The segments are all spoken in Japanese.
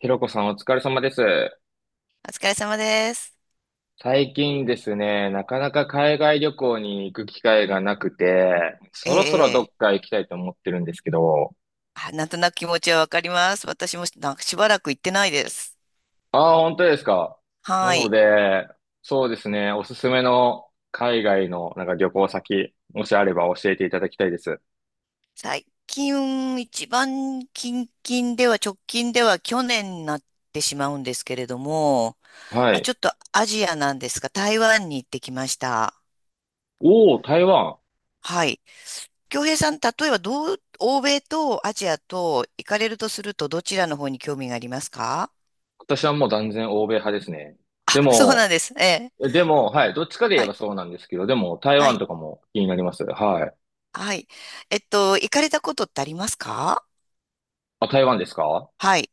ひろこさんお疲れ様です。お疲れ様です。最近ですね、なかなか海外旅行に行く機会がなくて、えそろそろえ、どええっか行きたいと思ってるんですけど。あ、なんとなく気持ちはわかります。私もなんかしばらく行ってないです。ああ、本当ですか。なはのい。で、そうですね、おすすめの海外の旅行先、もしあれば教えていただきたいです。最近、一番近々では、直近では去年になってしまうんですけれども、はまあ、ちい。ょっとアジアなんですが、台湾に行ってきました。おお、台湾。はい。京平さん、例えばどう、欧米とアジアと行かれるとすると、どちらの方に興味がありますか？私はもう断然欧米派ですね。あ、でそうなんも、です。ええ。でも、はい、どっちかで言はえい。ばそうなんですけど、でも台は湾い。とかも気になります。はい。はい。行かれたことってありますか？あ、台湾ですか？はい。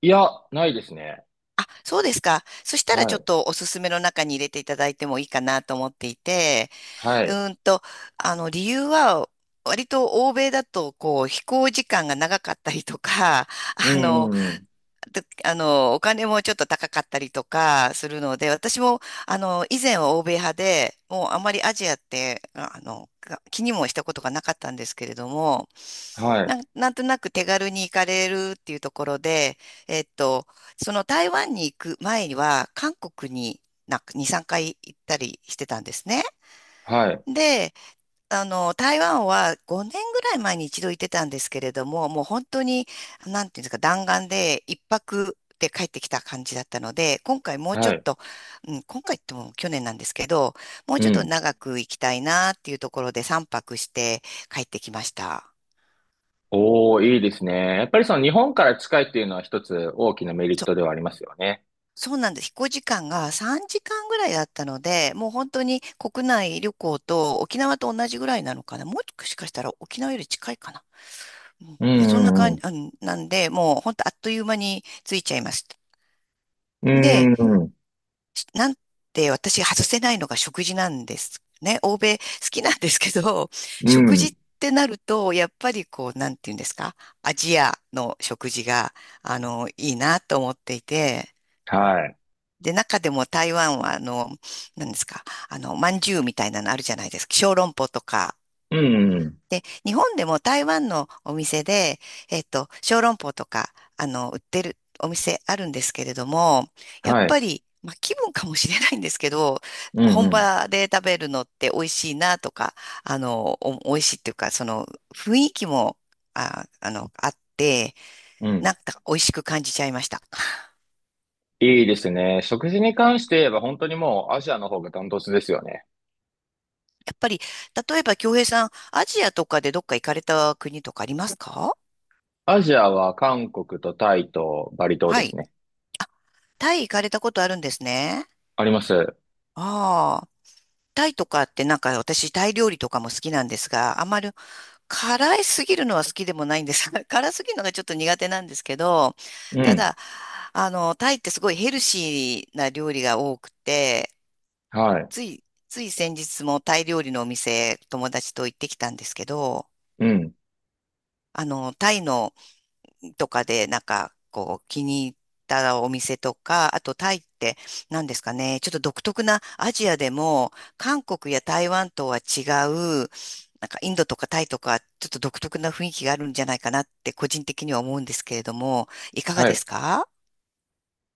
いや、ないですね。あ、そうですか。そしたらはちょっい。とおすすめの中に入れていただいてもいいかなと思っていて、はうい。ーんと、理由は、割と欧米だと、こう、飛行時間が長かったりとか、うあん、の、うん、うん。で、あの、お金もちょっと高かったりとかするので、私も、以前は欧米派で、もうあまりアジアって、が気にもしたことがなかったんですけれども、はい。なんとなく手軽に行かれるっていうところで、えっと、その台湾に行く前には、韓国になんか2、3回行ったりしてたんですね。はい。で、台湾は5年ぐらい前に一度行ってたんですけれども、もう本当に、なんていうんですか、弾丸で一泊で帰ってきた感じだったので、今回もうちょはっい。と、うん、今回っても去年なんですけど、もううちょっとん。長く行きたいなっていうところで3泊して帰ってきました。おー、いいですね。やっぱりその日本から近いっていうのは一つ大きなメリットではありますよね。そうなんです。飛行時間が3時間ぐらいだったので、もう本当に国内旅行と沖縄と同じぐらいなのかな。もしかしたら沖縄より近いかな。うんうで、そんなん、う感じ、ん、うん、なんで、もう本当あっという間についちゃいました。うで、ん。うん、うん。しなんて私外せないのが食事なんですね。欧米好きなんですけど、う食事っん、てなると、やっぱりこう、なんていうんですか、アジアの食事が、いいなと思っていて、はい。で、中でも台湾は、なんですか、まんじゅうみたいなのあるじゃないですか。小籠包とか、うん、うん。で、日本でも台湾のお店で、小籠包とか、売ってるお店あるんですけれども、やっはい。ぱり、まあ、気分かもしれないんですけど、うん、本うん。場で食べるのって美味しいなとか、美味しいっていうか、その、雰囲気も、あって、うなん。んか美味しく感じちゃいました。いいですね。食事に関して言えば本当にもうアジアの方がダントツですよね。やっぱり、例えば、京平さん、アジアとかでどっか行かれた国とかありますか？アジアは韓国とタイとバリ島はですい。ね。タイ行かれたことあるんですね。あります。ああ。タイとかってなんか私タイ料理とかも好きなんですが、あまり辛いすぎるのは好きでもないんです。辛すぎるのがちょっと苦手なんですけど、うたん。だ、タイってすごいヘルシーな料理が多くて、はい。つい先日もタイ料理のお店友達と行ってきたんですけど、うん。タイのとかで、なんか、こう、気に入ったお店とか、あとタイって、何ですかね、ちょっと独特なアジアでも、韓国や台湾とは違う、なんかインドとかタイとか、ちょっと独特な雰囲気があるんじゃないかなって、個人的には思うんですけれども、いかがはでい。すか？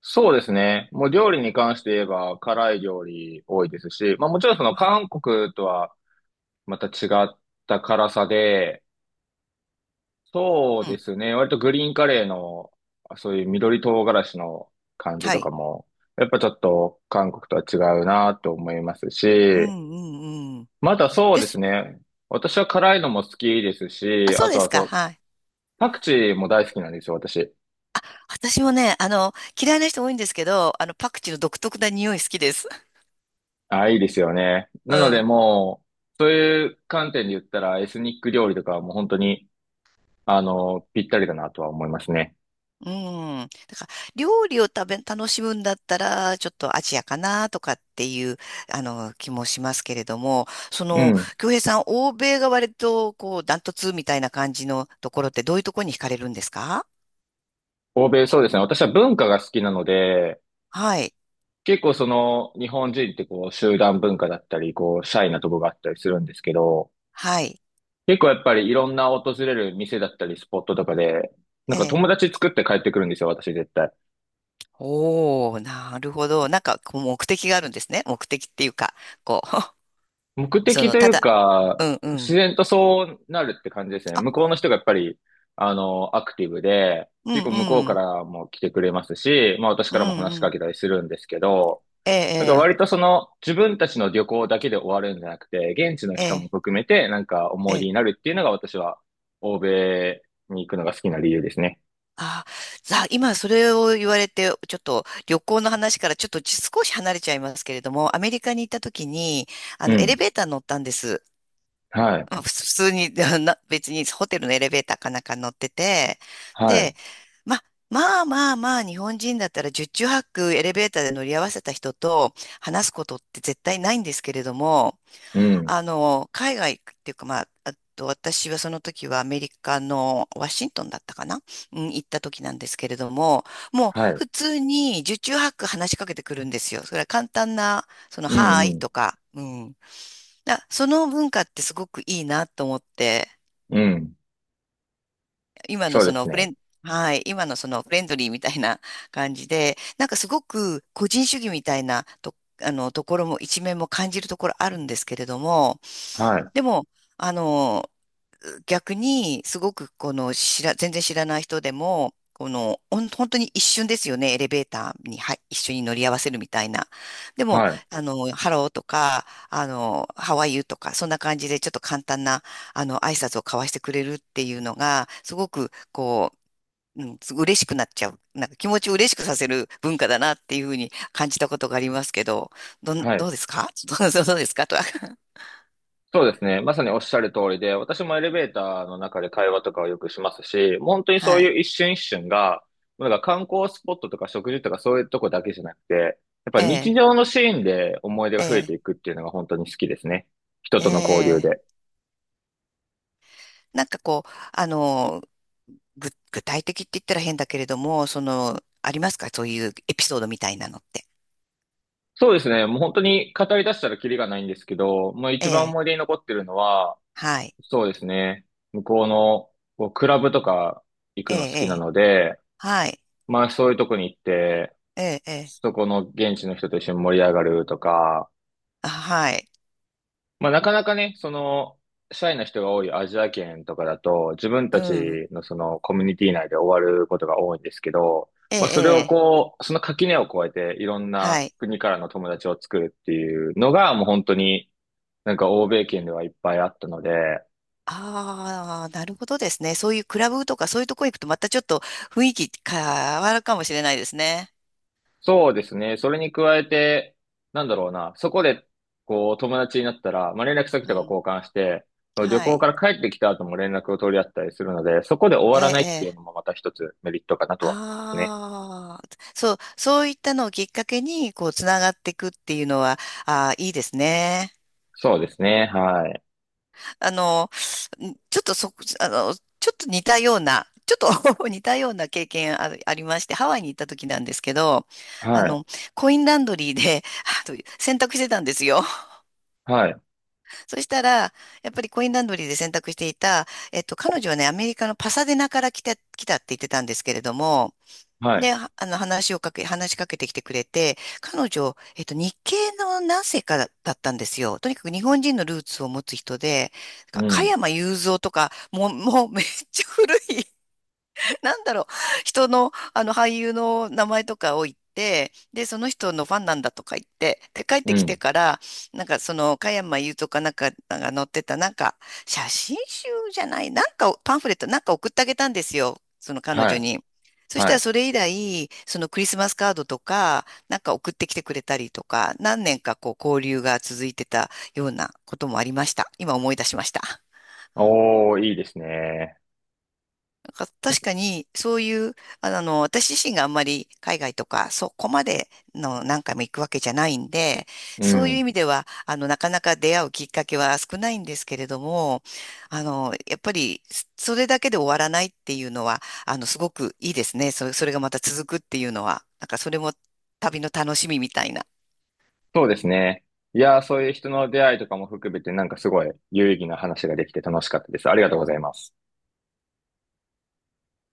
そうですね。もう料理に関して言えば辛い料理多いですし、まあもちろんそのは韓国とはまた違った辛さで、そううでん。すね。割とグリーンカレーのそういう緑唐辛子の感じはとかい。も、やっぱちょっと韓国とは違うなと思いますうし、んうんうん。またそうでですす。ね。私は辛いのも好きですあ、し、そあうとですはそか。う、はい。パクチーも大好きなんですよ、私。私もね、嫌いな人多いんですけど、パクチーの独特な匂い好きです。あ、いいですよね。うなのでん。もう、そういう観点で言ったら、エスニック料理とかはもう本当に、ぴったりだなとは思いますね。うん。だから、料理を食べ、楽しむんだったら、ちょっとアジアかなとかっていう、気もしますけれども、そうの、ん。京平さん、欧米が割と、こう、ダントツみたいな感じのところって、どういうところに惹かれるんですか？欧米、そうですね。私は文化が好きなので、はい。結構日本人って集団文化だったり、シャイなとこがあったりするんですけど、はい。結構やっぱりいろんな訪れる店だったり、スポットとかで、なえんかえ。友達作って帰ってくるんですよ、私絶対。おー、なるほど。なんか、こう、目的があるんですね。目的っていうか、こ目う、そ的の、といたうだ、か、うんう自ん。然とそうなるって感じですね。あ、向こうの人がやっぱり、アクティブで、うん結構向こううかん。らも来てくれますし、まあ私うからもんう話しかん。けたりするんですけど、えなんかえ、割とその自分たちの旅行だけで終わるんじゃなくて、現地のえ人もえ、含めてなんかえ思え。い出えにえなるっていうのが私は欧米に行くのが好きな理由ですね。あ、さあ、今それを言われて、ちょっと旅行の話からちょっと少し離れちゃいますけれども、アメリカに行った時に、うエレん。ベーター乗ったんです。はい。まあ普通に、な別にホテルのエレベーターかなんか乗ってて、はで、い。ま、まあまあまあ、日本人だったら十中八九エレベーターで乗り合わせた人と話すことって絶対ないんですけれども、うん。海外っていうか、まあ、あと私はその時はアメリカのワシントンだったかな、うん、行った時なんですけれども、もうはい。普通に受注ハック話しかけてくるんですよ。それは簡単な、その、うはーんういん。とか、うん。その文化ってすごくいいなと思って、うん。今のそうそですのフレね。ン、はい、今のそのフレンドリーみたいな感じで、なんかすごく個人主義みたいなと、ところも一面も感じるところあるんですけれども、はい。でも、あの、逆に、すごくこの知ら、全然知らない人でも、この、本当に一瞬ですよね、エレベーターに、はい、一緒に乗り合わせるみたいな。でも、はい。ハローとか、ハワイ y とか、そんな感じでちょっと簡単な、挨拶を交わしてくれるっていうのが、すごく、こう、うん、嬉しくなっちゃう。なんか気持ちを嬉しくさせる文化だなっていうふうに感じたことがありますけど、はどい。うですか？ どうですかとは。そうですね。まさにおっしゃる通りで、私もエレベーターの中で会話とかをよくしますし、もう本当にそうはい。いう一瞬一瞬が、なんか観光スポットとか食事とかそういうとこだけじゃなくて、やっぱえ日え、常のシーンで思い出えが増えてえ、いくっていうのが本当に好きですね。人えとの交流え。で。なんかこう、具体的って言ったら変だけれども、その、ありますかそういうエピソードみたいなのって。そうですね。もう本当に語り出したらキリがないんですけど、まあえ一番え、思い出に残ってるのは、はい。そうですね。向こうのクラブとか行えくえ、の好えきなえので、はい。まあそういうとこに行って、ええ、ええそこの現地の人と一緒に盛り上がるとか、あ、はい。まあなかなかね、シャイな人が多いアジア圏とかだと、自分うたん。ちのそのコミュニティ内で終わることが多いんですけど、えまあそれえ、をええその垣根を越えていろんはない。国からの友達を作るっていうのがもう本当になんか欧米圏ではいっぱいあったので、ああ、なるほどですね。そういうクラブとかそういうとこ行くとまたちょっと雰囲気変わるかもしれないですね。そうですね。それに加えて、なんだろうな。そこで、友達になったら、まあ、連絡先うとかん。交換して、旅は行かい。ら帰ってきた後も連絡を取り合ったりするので、そこで終えわらなえ、いっていうええのもまた一つメリットかなとは思いますね。ああ、そう、そういったのをきっかけに、こう、つながっていくっていうのは、ああ、いいですね。そうですね。はい。あの、ちょっとそ、あの、ちょっと似たような、ちょっと 似たような経験ある、ありまして、ハワイに行った時なんですけど、あはい。の、コインランドリーで、洗濯してたんですよ。はい。そしたら、やっぱりコインランドリーで洗濯していた、彼女はね、アメリカのパサデナから来たって言ってたんですけれども、はで、い。はあの、話をかけ、話しかけてきてくれて、彼女、日系の何世かだったんですよ。とにかく日本人のルーツを持つ人で、なうんか加ん。山雄三とか、もうめっちゃ古い なんだろう、人の、あの俳優の名前とかを言って、で、その人のファンなんだとか言って、で、帰っうてきてん。から、なんかその、加山雄とかなんかが載ってた、なんか、写真集じゃない、なんかパンフレットなんか送ってあげたんですよ、その彼は女い。に。そしたはらい。それ以来、そのクリスマスカードとか、なんか送ってきてくれたりとか、何年かこう交流が続いてたようなこともありました。今思い出しました。おー、いいですね。なんか確かに、そういう、あの、私自身があんまり海外とか、そこまでの何回も行くわけじゃないんで、うそういうん。意味では、なかなか出会うきっかけは少ないんですけれども、やっぱり、それだけで終わらないっていうのは、すごくいいですね。それがまた続くっていうのは、なんかそれも旅の楽しみみたいな。そうですね。いやー、そういう人の出会いとかも含めて、なんかすごい有意義な話ができて楽しかったです。ありがとうございます。